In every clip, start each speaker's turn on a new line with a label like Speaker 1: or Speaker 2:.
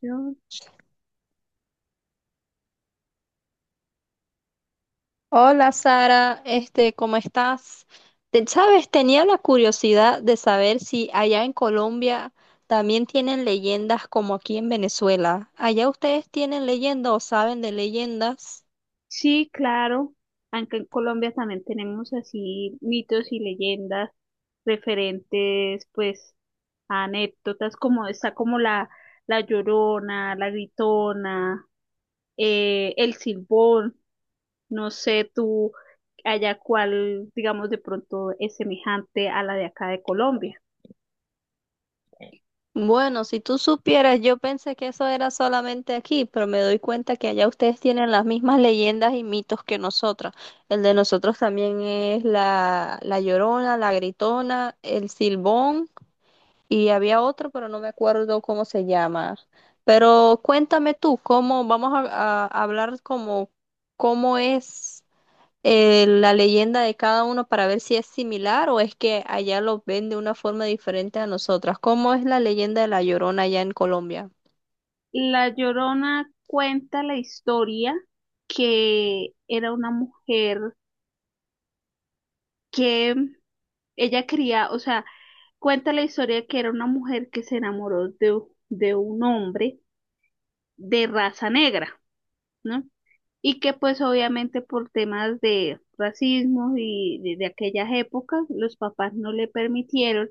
Speaker 1: Yo-
Speaker 2: Hola Sara, ¿cómo estás? Sabes, tenía la curiosidad de saber si allá en Colombia también tienen leyendas como aquí en Venezuela. ¿Allá ustedes tienen leyendas o saben de leyendas?
Speaker 1: Sí, claro. Aunque en Colombia también tenemos así mitos y leyendas referentes, pues, a anécdotas, como está como la Llorona, la Gritona, el Silbón. No sé tú allá cuál, digamos, de pronto es semejante a la de acá de Colombia.
Speaker 2: Bueno, si tú supieras, yo pensé que eso era solamente aquí, pero me doy cuenta que allá ustedes tienen las mismas leyendas y mitos que nosotras. El de nosotros también es la Llorona, la Gritona, el Silbón. Y había otro, pero no me acuerdo cómo se llama. Pero cuéntame tú, cómo, vamos a hablar como cómo es la leyenda de cada uno para ver si es similar o es que allá lo ven de una forma diferente a nosotras. ¿Cómo es la leyenda de La Llorona allá en Colombia?
Speaker 1: La Llorona cuenta la historia que era una mujer que ella quería, o sea, cuenta la historia que era una mujer que se enamoró de un hombre de raza negra, ¿no? Y que pues obviamente por temas de racismo y de aquellas épocas, los papás no le permitieron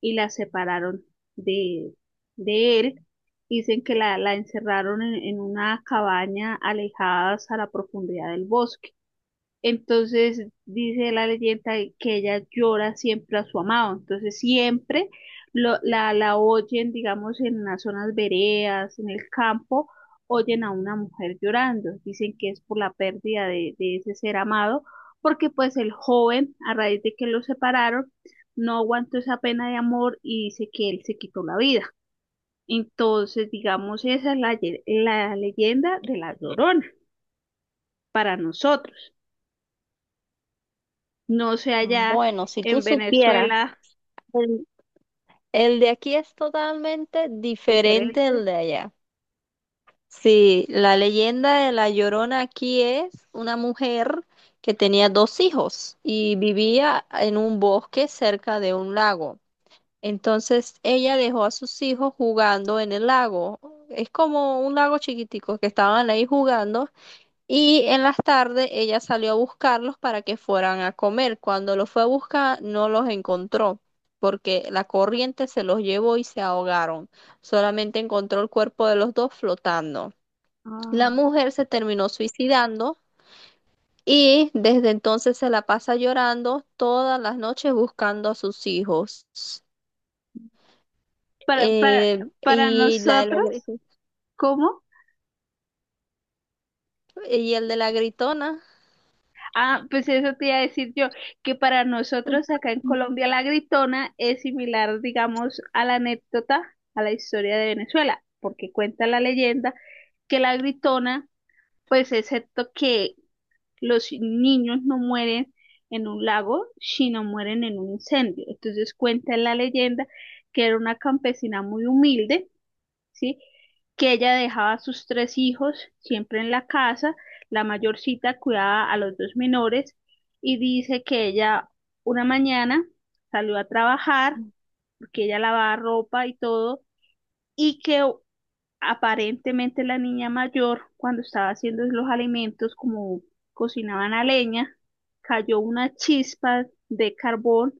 Speaker 1: y la separaron de, de él. Dicen que la encerraron en una cabaña alejadas a la profundidad del bosque, entonces dice la leyenda que ella llora siempre a su amado, entonces siempre la oyen, digamos, en las zonas veredas, en el campo, oyen a una mujer llorando, dicen que es por la pérdida de ese ser amado, porque pues el joven, a raíz de que lo separaron, no aguantó esa pena de amor y dice que él se quitó la vida. Entonces, digamos, esa es la leyenda de la Llorona para nosotros. No sé allá
Speaker 2: Bueno, si tú
Speaker 1: en
Speaker 2: supieras,
Speaker 1: Venezuela,
Speaker 2: el, el de aquí es totalmente diferente del
Speaker 1: diferente.
Speaker 2: de allá. Sí, la leyenda de la Llorona aquí es una mujer que tenía dos hijos y vivía en un bosque cerca de un lago. Entonces ella dejó a sus hijos jugando en el lago. Es como un lago chiquitico que estaban ahí jugando y en las tardes ella salió a buscarlos para que fueran a comer. Cuando los fue a buscar no los encontró porque la corriente se los llevó y se ahogaron. Solamente encontró el cuerpo de los dos flotando. La
Speaker 1: Ah,
Speaker 2: mujer se terminó suicidando y desde entonces se la pasa llorando todas las noches buscando a sus hijos.
Speaker 1: Para, para,
Speaker 2: Eh,
Speaker 1: para
Speaker 2: y la de la
Speaker 1: nosotros,
Speaker 2: gri-
Speaker 1: ¿cómo?
Speaker 2: y el de la gritona.
Speaker 1: Ah, pues eso te iba a decir yo, que para nosotros acá en Colombia la gritona es similar, digamos, a la anécdota, a la historia de Venezuela, porque cuenta la leyenda que la gritona, pues excepto que los niños no mueren en un lago, sino mueren en un incendio. Entonces cuenta la leyenda que era una campesina muy humilde, ¿sí? Que ella dejaba a sus tres hijos siempre en la casa, la mayorcita cuidaba a los dos menores y dice que ella una mañana salió a trabajar porque ella lavaba ropa y todo y que aparentemente la niña mayor, cuando estaba haciendo los alimentos, como cocinaban a leña, cayó una chispa de carbón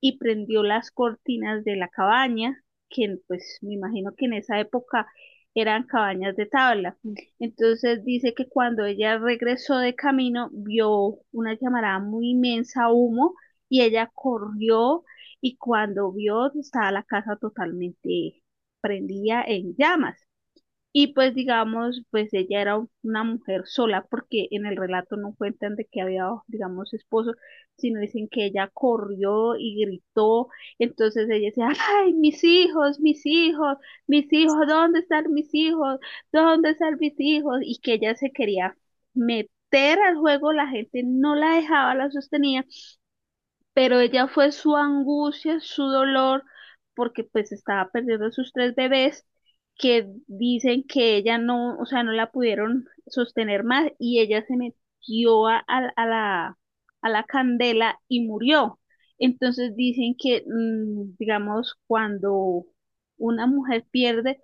Speaker 1: y prendió las cortinas de la cabaña, que pues me imagino que en esa época eran cabañas de tabla. Entonces dice que cuando ella regresó de camino vio una llamarada muy inmensa, humo, y ella corrió y cuando vio estaba la casa totalmente prendida en llamas. Y pues digamos, pues ella era una mujer sola, porque en el relato no cuentan de que había, digamos, esposo, sino dicen que ella corrió y gritó. Entonces ella decía, ay, mis hijos, mis hijos, mis hijos, ¿dónde están mis hijos? ¿Dónde están mis hijos? Y que ella se quería meter al juego, la gente no la dejaba, la sostenía, pero ella fue su angustia, su dolor, porque pues estaba perdiendo sus tres bebés, que dicen que ella no la pudieron sostener más y ella se metió a a la candela y murió. Entonces dicen que, digamos, cuando una mujer pierde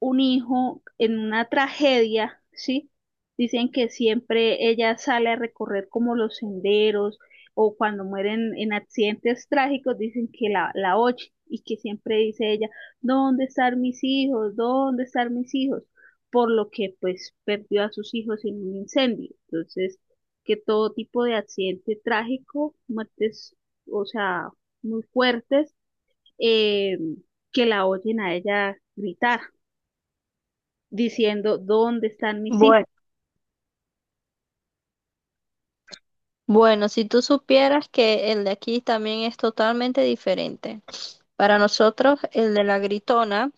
Speaker 1: un hijo en una tragedia, ¿sí? Dicen que siempre ella sale a recorrer como los senderos o cuando mueren en accidentes trágicos, dicen que la oye y que siempre dice ella, ¿dónde están mis hijos? ¿Dónde están mis hijos? Por lo que pues perdió a sus hijos en un incendio. Entonces, que todo tipo de accidente trágico, muertes, o sea, muy fuertes, eh, que la oyen a ella gritar diciendo dónde están mis
Speaker 2: Bueno.
Speaker 1: hijos.
Speaker 2: Bueno, si tú supieras que el de aquí también es totalmente diferente. Para nosotros, el de la gritona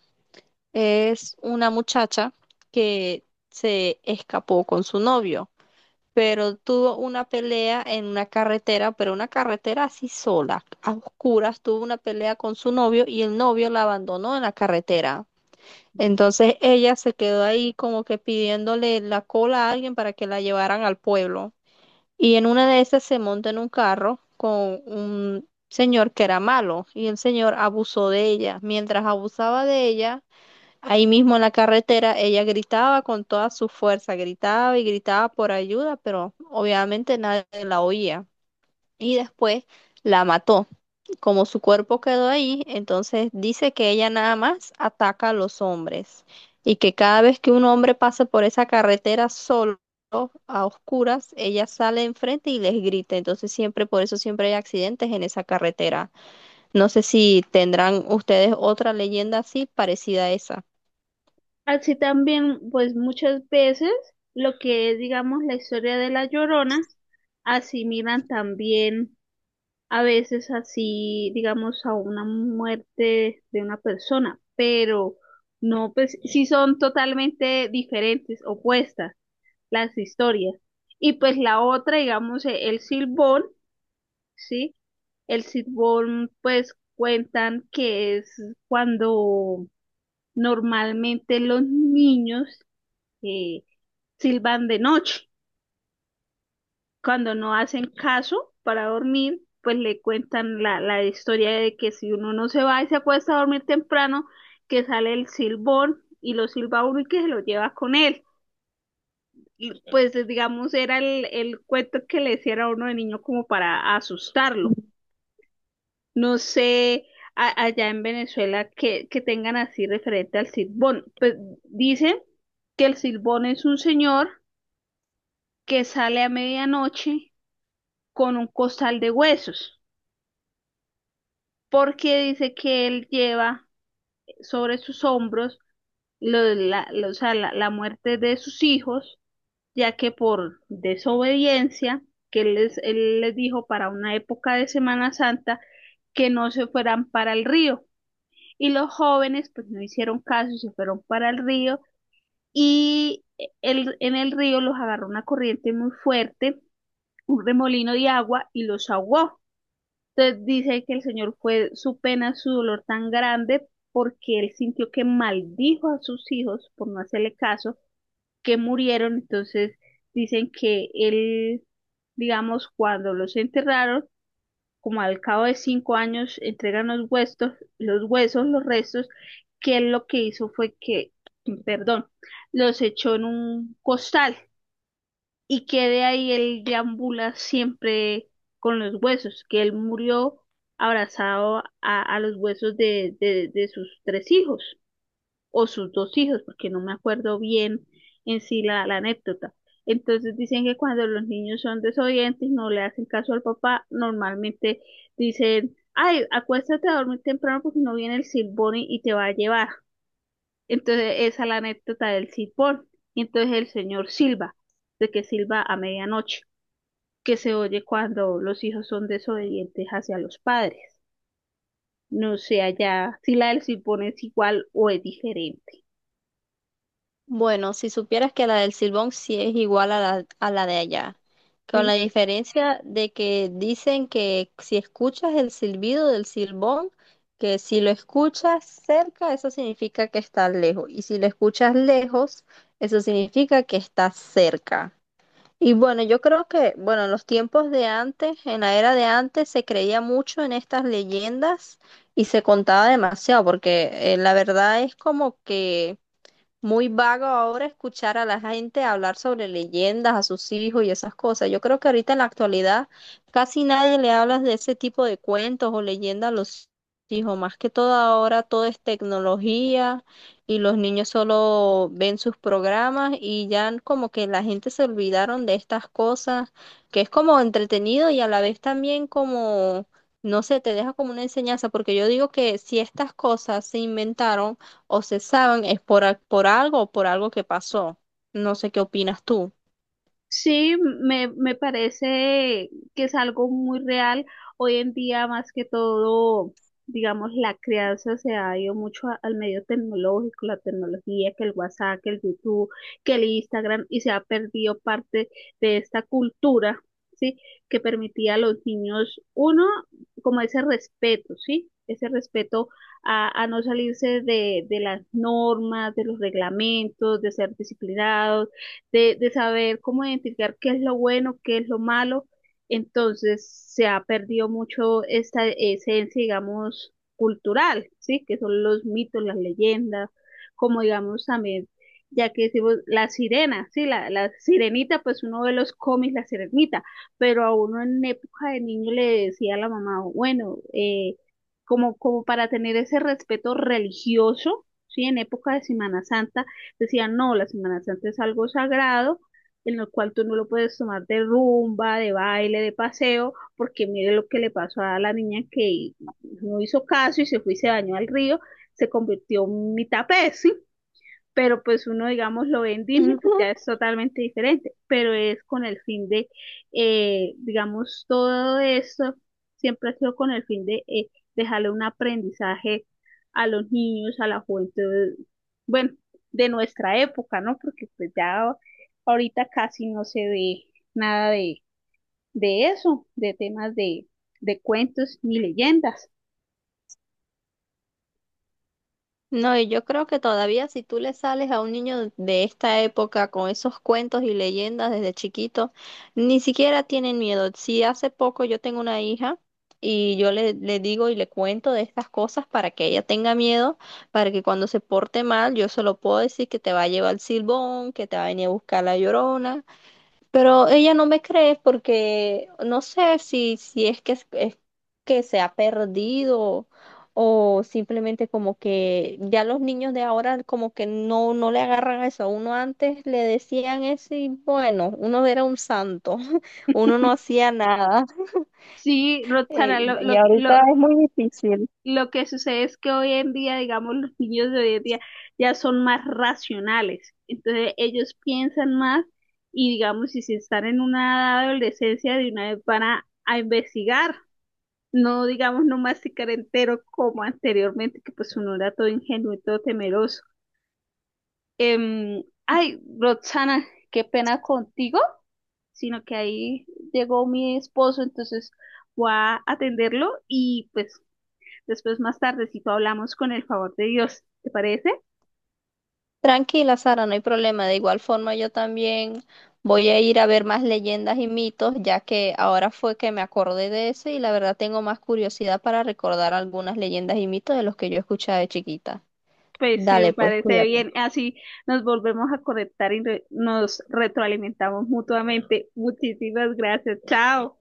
Speaker 2: es una muchacha que se escapó con su novio, pero tuvo una pelea en una carretera, pero una carretera así sola, a oscuras, tuvo una pelea con su novio y el novio la abandonó en la carretera. Entonces ella se quedó ahí como que pidiéndole la cola a alguien para que la llevaran al pueblo. Y en una de esas se monta en un carro con un señor que era malo y el señor abusó de ella. Mientras abusaba de ella, ahí mismo en la carretera ella gritaba con toda su fuerza, gritaba y gritaba por ayuda, pero obviamente nadie la oía. Y después la mató. Como su cuerpo quedó ahí, entonces dice que ella nada más ataca a los hombres y que cada vez que un hombre pasa por esa carretera solo, a oscuras, ella sale enfrente y les grita. Entonces siempre, por eso siempre hay accidentes en esa carretera. No sé si tendrán ustedes otra leyenda así parecida a esa.
Speaker 1: Así también, pues muchas veces lo que es, digamos, la historia de la Llorona, asimilan también a veces así, digamos, a una muerte de una persona, pero no, pues sí son totalmente diferentes, opuestas las historias. Y pues la otra, digamos, el Silbón, ¿sí? El Silbón, pues cuentan que es cuando normalmente los niños eh, silban de noche. Cuando no hacen caso para dormir, pues le cuentan la historia de que si uno no se va y se acuesta a dormir temprano, que sale el silbón y lo silba uno y que se lo lleva con él. Y pues digamos era el cuento que le hiciera a uno de niño como para asustarlo. No sé allá en Venezuela que tengan así referente al Silbón. Pues dicen que el Silbón es un señor que sale a medianoche con un costal de huesos, porque dice que él lleva sobre sus hombros lo- la, lo- o sea, la muerte de sus hijos, ya que por desobediencia, que él les dijo para una época de Semana Santa, que no se fueran para el río y los jóvenes pues no hicieron caso y se fueron para el río y en el río los agarró una corriente muy fuerte, un remolino de agua y los ahogó. Entonces dice que el Señor fue su pena, su dolor tan grande porque él sintió que maldijo a sus hijos por no hacerle caso, que murieron. Entonces dicen que él, digamos, cuando los enterraron, como al cabo de 5 años entregan los huesos, los huesos, los restos, que él lo que hizo fue que, perdón, los echó en un costal y que de ahí él deambula siempre con los huesos, que él murió abrazado a los huesos de sus tres hijos o sus dos hijos, porque no me acuerdo bien en sí la anécdota. Entonces dicen que cuando los niños son desobedientes, no le hacen caso al papá, normalmente dicen, ay, acuéstate a dormir temprano porque no viene el silbón y te va a llevar. Entonces esa es la anécdota del silbón. Y entonces el señor silba, de que silba a medianoche, que se oye cuando los hijos son desobedientes hacia los padres. No sé allá si la del silbón es igual o es diferente.
Speaker 2: Bueno, si supieras que la del Silbón sí es igual a la de allá, con
Speaker 1: ¿Sí?
Speaker 2: la diferencia de que dicen que si escuchas el silbido del Silbón, que si lo escuchas cerca, eso significa que está lejos, y si lo escuchas lejos, eso significa que está cerca. Y bueno, yo creo que, bueno, en los tiempos de antes, en la era de antes, se creía mucho en estas leyendas y se contaba demasiado, porque la verdad es como que muy vago ahora escuchar a la gente hablar sobre leyendas a sus hijos y esas cosas. Yo creo que ahorita en la actualidad casi nadie le habla de ese tipo de cuentos o leyendas a los hijos. Más que todo ahora todo es tecnología y los niños solo ven sus programas y ya como que la gente se olvidaron de estas cosas, que es como entretenido y a la vez también como... No sé, te deja como una enseñanza, porque yo digo que si estas cosas se inventaron o cesaron es por, por algo o por algo que pasó. No sé qué opinas tú.
Speaker 1: Sí, me parece que es algo muy real. Hoy en día, más que todo, digamos, la crianza se ha ido mucho al medio tecnológico, la tecnología, que el WhatsApp, que el YouTube, que el Instagram, y se ha perdido parte de esta cultura, ¿sí? Que permitía a los niños, uno, como ese respeto, ¿sí? Ese respeto a no salirse de las normas, de los reglamentos, de ser disciplinados de saber cómo identificar qué es lo bueno, qué es lo malo. Entonces se ha perdido mucho esta esencia, digamos, cultural, ¿sí? Que son los mitos, las leyendas, como digamos también, ya que decimos la sirena, ¿sí? La sirenita, pues uno ve los cómics, la sirenita, pero a uno en época de niño le decía a la mamá, bueno, como, como para tener ese respeto religioso, ¿sí? En época de Semana Santa, decían, no, la Semana Santa es algo sagrado en el cual tú no lo puedes tomar de rumba, de baile, de paseo, porque mire lo que le pasó a la niña que no hizo caso y se fue y se bañó al río, se convirtió en mitad pez, pero pues uno, digamos, lo ve en Disney, pues
Speaker 2: Ujú.
Speaker 1: ya es totalmente diferente, pero es con el fin de, digamos, todo eso siempre ha sido con el fin de dejarle un aprendizaje a los niños, a la juventud, bueno, de nuestra época, ¿no? Porque pues ya ahorita casi no se ve nada de eso, de temas de cuentos ni leyendas.
Speaker 2: No, y yo creo que todavía si tú le sales a un niño de esta época con esos cuentos y leyendas desde chiquito, ni siquiera tienen miedo. Si hace poco yo tengo una hija y yo le digo y le cuento de estas cosas para que ella tenga miedo, para que cuando se porte mal yo se lo puedo decir que te va a llevar el silbón, que te va a venir a buscar la llorona. Pero ella no me cree porque no sé si es que, es que se ha perdido o simplemente como que ya los niños de ahora como que no, no le agarran a eso. Uno antes le decían eso y bueno, uno era un santo, uno no hacía nada.
Speaker 1: Sí, Roxana,
Speaker 2: Eh, y ahorita es muy difícil.
Speaker 1: lo que sucede es que hoy en día, digamos, los niños de hoy en día ya son más racionales. Entonces ellos piensan más y, digamos, si se están en una edad de adolescencia, de una vez van a investigar, no, digamos, no masticar entero como anteriormente, que pues uno era todo ingenuo y todo temeroso. Ay, Roxana, qué pena contigo, sino que ahí llegó mi esposo, entonces voy a atenderlo y pues después, más tardecito, hablamos con el favor de Dios. ¿Te parece?
Speaker 2: Tranquila, Sara, no hay problema. De igual forma, yo también voy a ir a ver más leyendas y mitos, ya que ahora fue que me acordé de eso y la verdad tengo más curiosidad para recordar algunas leyendas y mitos de los que yo escuchaba de chiquita.
Speaker 1: Pues sí, me
Speaker 2: Dale, pues,
Speaker 1: parece
Speaker 2: cuídate.
Speaker 1: bien. Así nos volvemos a conectar y nos retroalimentamos mutuamente. Muchísimas gracias. Chao.